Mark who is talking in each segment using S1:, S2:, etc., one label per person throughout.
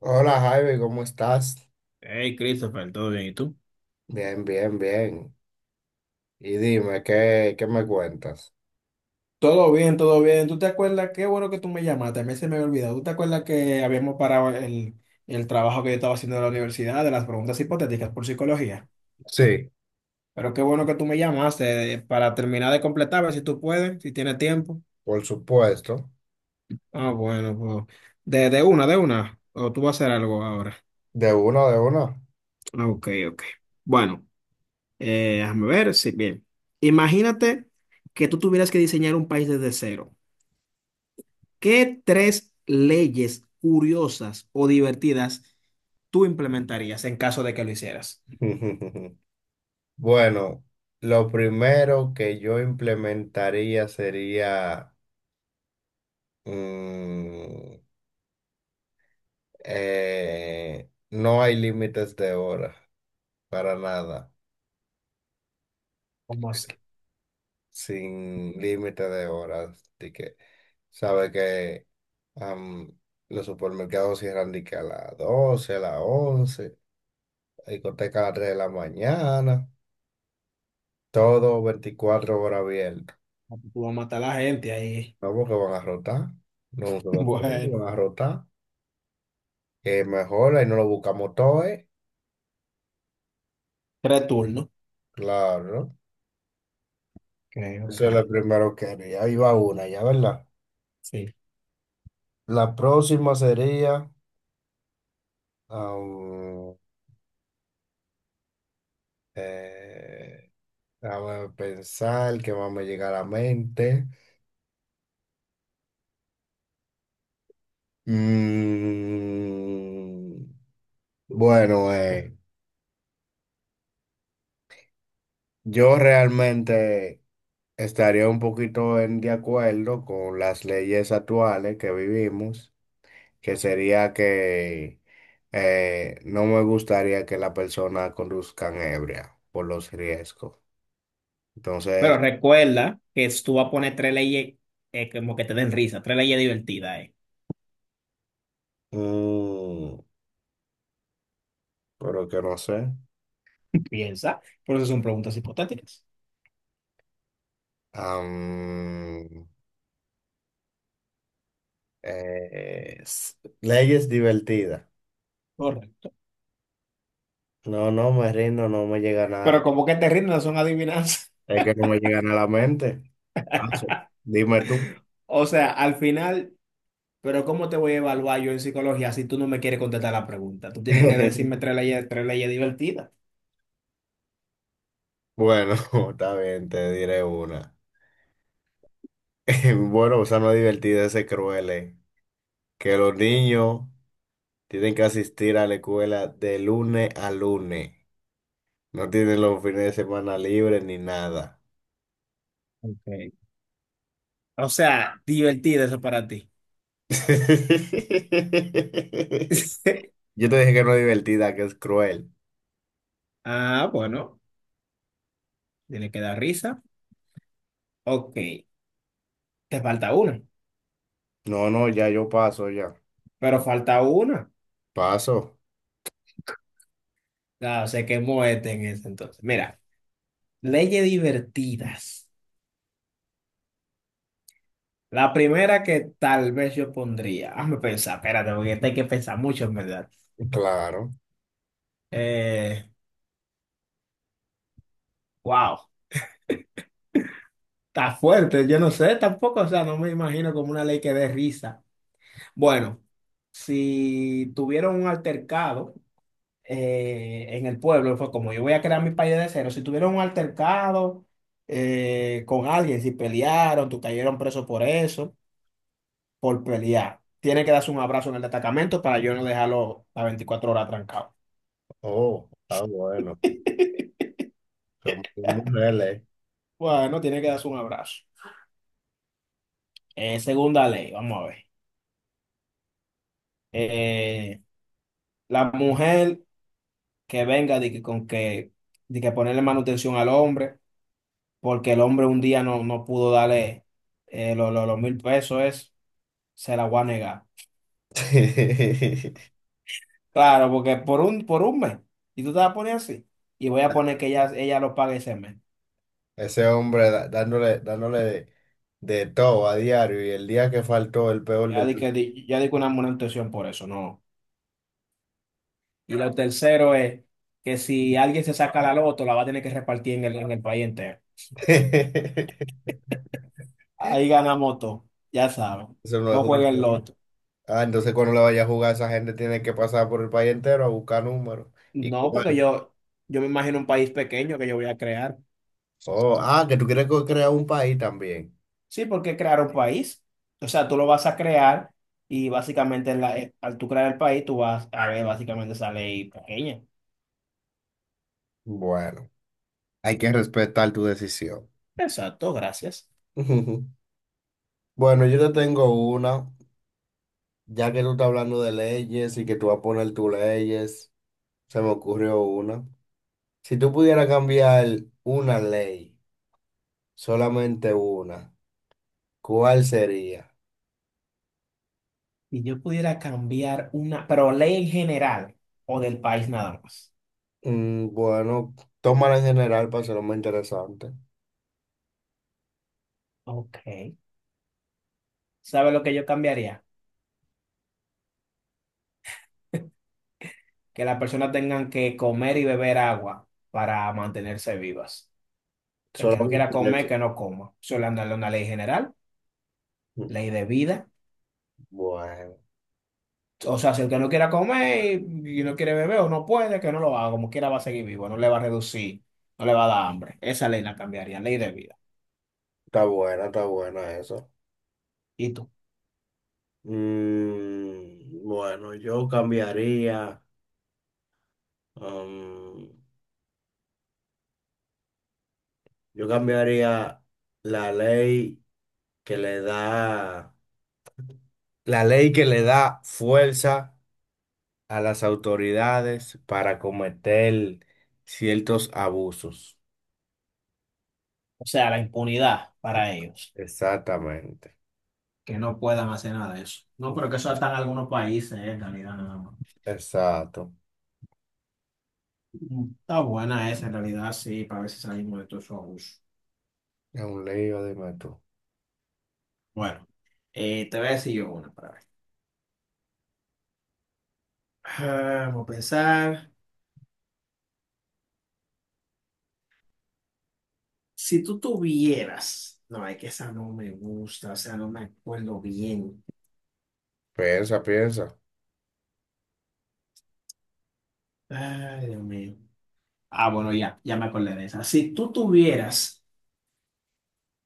S1: Hola Javi, ¿cómo estás?
S2: Hey, Christopher, ¿todo bien? ¿Y tú?
S1: Bien, bien, bien. Y dime, ¿qué me cuentas?
S2: Todo bien, todo bien. ¿Tú te acuerdas? Qué bueno que tú me llamaste. A mí se me había olvidado. ¿Tú te acuerdas que habíamos parado el trabajo que yo estaba haciendo en la universidad de las preguntas hipotéticas por psicología?
S1: Sí,
S2: Pero qué bueno que tú me llamaste para terminar de completar, a ver si tú puedes, si tienes tiempo.
S1: por supuesto.
S2: Ah, bueno, pues de una, de una. O tú vas a hacer algo ahora.
S1: De uno, de uno.
S2: Ah, ok, ok. Bueno, déjame ver. Sí, bien. Imagínate que tú tuvieras que diseñar un país desde cero. ¿Qué tres leyes curiosas o divertidas tú implementarías en caso de que lo hicieras?
S1: Bueno, lo primero que yo implementaría sería, mm, no hay límites de horas, para nada,
S2: ¿Cómo así?
S1: sin límite de horas. Así que, sabe que Am, los supermercados cierran de que a las 12 a las 11, la discoteca a las 3 de la mañana, todo 24 horas abierto.
S2: Tú vas a matar a la gente ahí.
S1: No, porque van a rotar, no un solo tiempo,
S2: Bueno,
S1: van a rotar. Que mejor ahí no lo buscamos todo, ¿eh?
S2: tres turnos.
S1: Claro, ¿no?
S2: Ok, ok.
S1: Eso es lo primero que haría. Ahí va una, ya, ¿verdad?
S2: Sí.
S1: La próxima sería, am, eh, déjame pensar que más me llega a la mente. Mm. Bueno, yo realmente estaría un poquito en de acuerdo con las leyes actuales que vivimos, que sería que no me gustaría que la persona conduzcan ebria por los riesgos. Entonces,
S2: Pero recuerda que tú vas a poner tres leyes como que te den risa, tres leyes divertidas.
S1: mm, pero que no sé.
S2: Piensa, por eso son preguntas hipotéticas.
S1: am, Leyes divertidas.
S2: Correcto.
S1: No, no me rindo, no me llega nada.
S2: Pero como que te rindas son adivinanzas.
S1: Es que no me llegan a la mente. Paso. Dime tú.
S2: O sea, al final. Pero ¿cómo te voy a evaluar yo en psicología si tú no me quieres contestar la pregunta? Tú tienes que decirme tres leyes divertidas.
S1: Bueno, está bien, te diré una. Bueno, o sea, no es divertido ese cruel, que los niños tienen que asistir a la escuela de lunes a lunes. No tienen los fines de semana libres ni nada.
S2: Okay. O sea, divertido eso para ti.
S1: Yo te dije que no es divertida, que es cruel.
S2: Ah, bueno, tiene que dar risa. Ok, te falta una,
S1: No, no, ya yo paso, ya.
S2: pero falta una.
S1: Paso.
S2: Claro, se quemó este en ese entonces. Mira, leyes divertidas. La primera que tal vez yo pondría, hazme pensar, espérate, porque esta hay que pensar mucho, en verdad.
S1: Claro.
S2: Eh, wow. Está fuerte, yo no sé tampoco, o sea, no me imagino como una ley que dé risa. Bueno, si tuvieron un altercado en el pueblo, fue como yo voy a crear mi país de cero, si tuvieron un altercado con alguien, si pelearon, tú cayeron preso por eso, por pelear, tiene que darse un abrazo en el destacamento para yo no dejarlo a 24 horas trancado.
S1: Oh, está bueno. Somos mujeres.
S2: Bueno, tiene que darse un abrazo. Segunda ley, vamos a ver. Eh, la mujer que venga de que con que de que ponerle manutención al hombre, porque el hombre un día no pudo darle los 1000 pesos, se la voy a negar. Claro, porque por un mes, y tú te vas a poner así, y voy a poner que ella lo pague ese mes.
S1: Ese hombre dándole de todo a diario y el día que faltó el peor
S2: Ya di
S1: del
S2: que di- ya di que una manutención por eso, no. Y lo tercero es que si alguien se saca la loto, la va a tener que repartir en el país entero. Ahí ganamos todo, ya saben.
S1: Eso no es
S2: No
S1: justo,
S2: jueguen
S1: ¿no?
S2: loto.
S1: Ah, entonces cuando le vaya a jugar esa gente tiene que pasar por el país entero a buscar números. Y con
S2: No, porque
S1: el-
S2: yo me imagino un país pequeño que yo voy a crear.
S1: oh, ah, que tú quieres crear un país también.
S2: Sí, porque crear un país. O sea, tú lo vas a crear y básicamente al tú crear el país, tú vas a ver básicamente esa ley pequeña.
S1: Bueno, hay que respetar tu decisión.
S2: Exacto, gracias.
S1: Bueno, yo te tengo una, ya que tú estás hablando de leyes y que tú vas a poner tus leyes, se me ocurrió una. Si tú pudieras cambiar una ley. Solamente una. ¿Cuál sería?
S2: Si yo pudiera cambiar una, pero ley en general o del país nada más.
S1: Bueno, tómala en general para hacerlo más interesante.
S2: Ok. ¿Sabe lo que yo cambiaría? Que las personas tengan que comer y beber agua para mantenerse vivas. El que no quiera
S1: Solamente
S2: comer,
S1: eso.
S2: que no coma. Solo andarle una ley general,
S1: Mm,
S2: ley de vida.
S1: Bueno,
S2: O sea, si el que no quiera comer y no quiere beber o no puede, que no lo haga, como quiera va a seguir vivo, no le va a reducir, no le va a dar hambre. Esa ley la cambiaría, ley de vida.
S1: está buena eso.
S2: ¿Y tú?
S1: Bueno, yo cambiaría, um, yo cambiaría, la ley que le da, la ley que le da fuerza a las autoridades para cometer ciertos abusos.
S2: O sea, la impunidad
S1: E-
S2: para ellos,
S1: Exactamente.
S2: que no puedan hacer nada de eso. No, pero que eso está en algunos países, en realidad, nada más.
S1: Exacto,
S2: Está buena esa, en realidad, sí, para ver si salimos de todos esos abusos.
S1: es un lío, dime tú.
S2: Bueno, te voy a decir yo una para ver. Ah, vamos a pensar, si tú tuvieras, no, es que esa no me gusta, o sea, no me acuerdo bien.
S1: Piensa, piensa.
S2: Ay, Dios mío. Ah, bueno, ya, ya me acordé de esa. Si tú tuvieras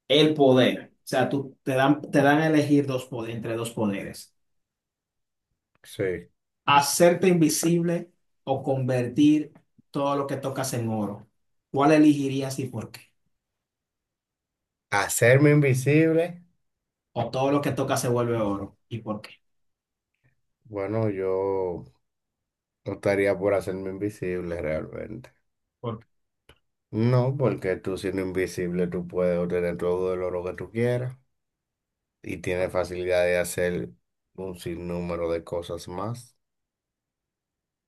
S2: el poder, o sea, tú te dan a elegir entre dos poderes,
S1: Sí.
S2: hacerte invisible o convertir todo lo que tocas en oro. ¿Cuál elegirías y por qué?
S1: Hacerme invisible.
S2: O todo lo que tocas se vuelve oro y por qué.
S1: Bueno, yo optaría por hacerme invisible realmente.
S2: ¿Por- qué?
S1: No, porque tú siendo invisible tú puedes obtener todo el oro que tú quieras y tienes facilidad de hacer un sinnúmero de cosas más.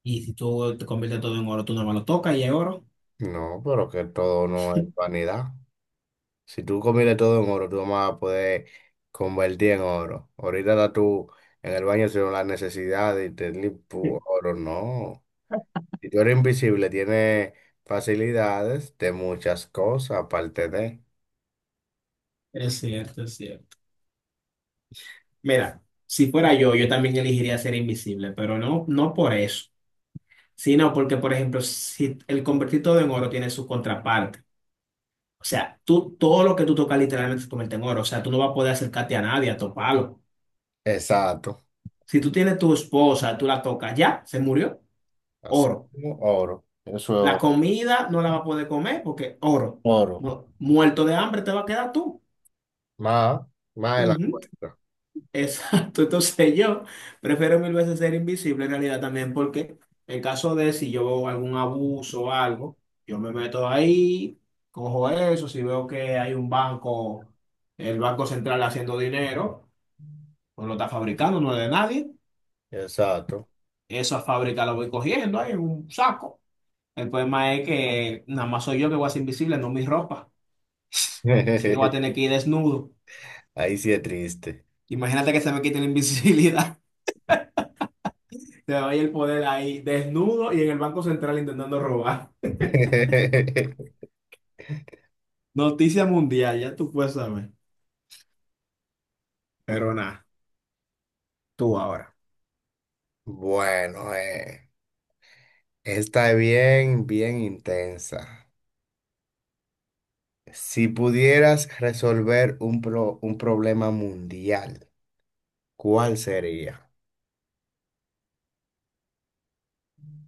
S2: Y si tú te conviertes todo en oro, tú nomás lo tocas y es oro.
S1: No, pero que todo no es vanidad. Si tú comiste todo en oro, tú no vas a poder convertir en oro. Ahorita estás tú en el baño sin la necesidad de tener
S2: Sí.
S1: oro, no. Si tú eres invisible, tienes facilidades de muchas cosas, aparte de.
S2: Es cierto, es cierto. Mira, si fuera yo, yo también elegiría ser invisible, pero no, no por eso. Sí, no, porque por ejemplo, si el convertir todo en oro tiene su contraparte. O sea, tú todo lo que tú tocas literalmente se convierte en oro. O sea, tú no vas a poder acercarte a nadie, a toparlo.
S1: Exacto.
S2: Si tú tienes tu esposa, tú la tocas, ya, se murió,
S1: Así
S2: oro.
S1: como oro.
S2: La
S1: Eso es
S2: comida no la vas a poder comer porque oro.
S1: oro. Oro.
S2: No, muerto de hambre te va a quedar tú.
S1: Más, más de la
S2: Ujú.
S1: cuenta.
S2: Exacto, entonces yo prefiero mil veces ser invisible en realidad también porque en caso de si yo veo algún abuso o algo, yo me meto ahí, cojo eso, si veo que hay un banco, el Banco Central haciendo dinero, pues lo está fabricando, no es de nadie,
S1: Exacto.
S2: esa fábrica la voy cogiendo ahí en un saco. El problema es que nada más soy yo que voy a ser invisible, no mi ropa, así que voy a tener que ir desnudo.
S1: Ahí sí es triste.
S2: Imagínate que se me quite la invisibilidad. Te doy el poder ahí, desnudo y en el Banco Central intentando robar. Noticia mundial, ya tú puedes saber. Pero nada, tú ahora.
S1: Bueno, esta es bien, bien intensa. Si pudieras resolver un problema mundial, ¿cuál sería?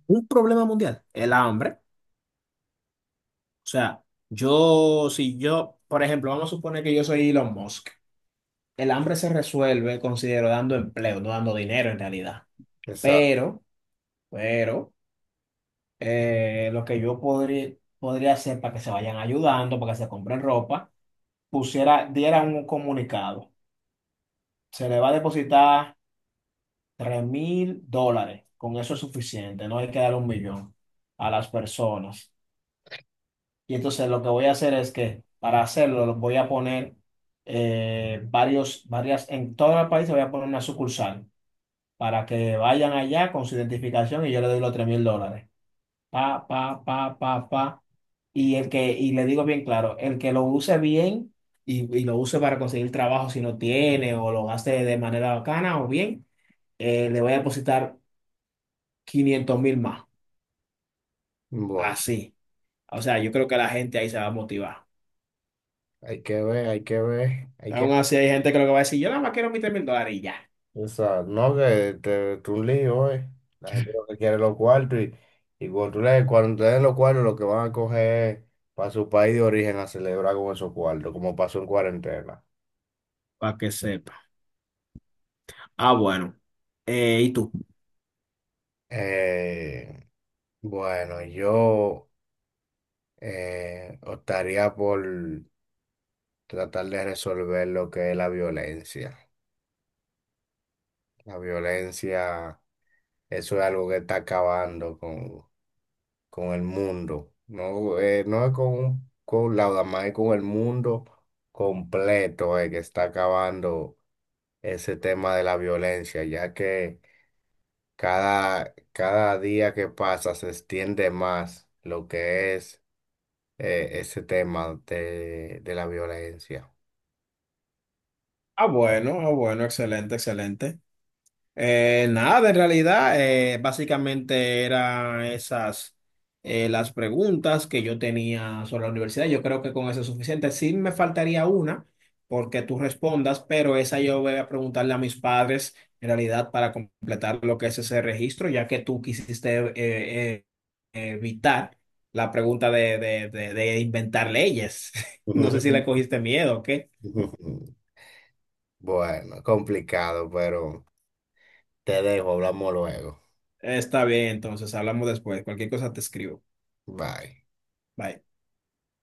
S2: Un problema mundial, el hambre. O sea, si yo, por ejemplo, vamos a suponer que yo soy Elon Musk. El hambre se resuelve, considero, dando empleo, no dando dinero en realidad.
S1: O
S2: Pero, pero, lo que yo podría hacer para que se vayan ayudando, para que se compren ropa, pusiera, diera un comunicado. Se le va a depositar. $3000, con eso es suficiente, no hay que dar un millón a las personas. Y entonces lo que voy a hacer es que para hacerlo lo voy a poner varios, varias, en todo el país voy a poner una sucursal para que vayan allá con su identificación y yo le doy los $3000. Pa, pa, pa, pa, pa. Y le digo bien claro, el que lo use bien y lo use para conseguir trabajo si no tiene o lo gaste de manera bacana o bien, le voy a depositar. 500.000 más.
S1: bueno,
S2: Así. O sea, yo creo que la gente ahí se va a motivar.
S1: hay que ver, hay que ver, hay que
S2: Aún así hay gente que lo que va a decir, yo nada más quiero mis 3 mil dólares y ya.
S1: O no que te un lío, eh. La gente lo que quiere es los cuartos y, cuando cuando te den los cuartos, lo que van a coger para su país de origen a celebrar con esos cuartos, como pasó en cuarentena.
S2: Para que sepa. Ah, bueno. ¿Y tú?
S1: Eh, bueno, yo optaría por tratar de resolver lo que es la violencia. La violencia, eso es algo que está acabando con el mundo. No, no es con Lauda más es con el mundo completo, que está acabando ese tema de la violencia, ya que cada día que pasa se extiende más lo que es ese tema de la violencia.
S2: Ah, bueno, ah, bueno, excelente, excelente. Nada, en realidad, básicamente eran esas las preguntas que yo tenía sobre la universidad. Yo creo que con eso es suficiente. Sí me faltaría una porque tú respondas, pero esa yo voy a preguntarle a mis padres en realidad para completar lo que es ese registro, ya que tú quisiste evitar la pregunta de inventar leyes. No sé si
S1: Ujú.
S2: le cogiste miedo o qué.
S1: Bueno, complicado, pero te dejo, hablamos luego.
S2: Está bien, entonces hablamos después. Cualquier cosa te escribo.
S1: Bye.
S2: Bye.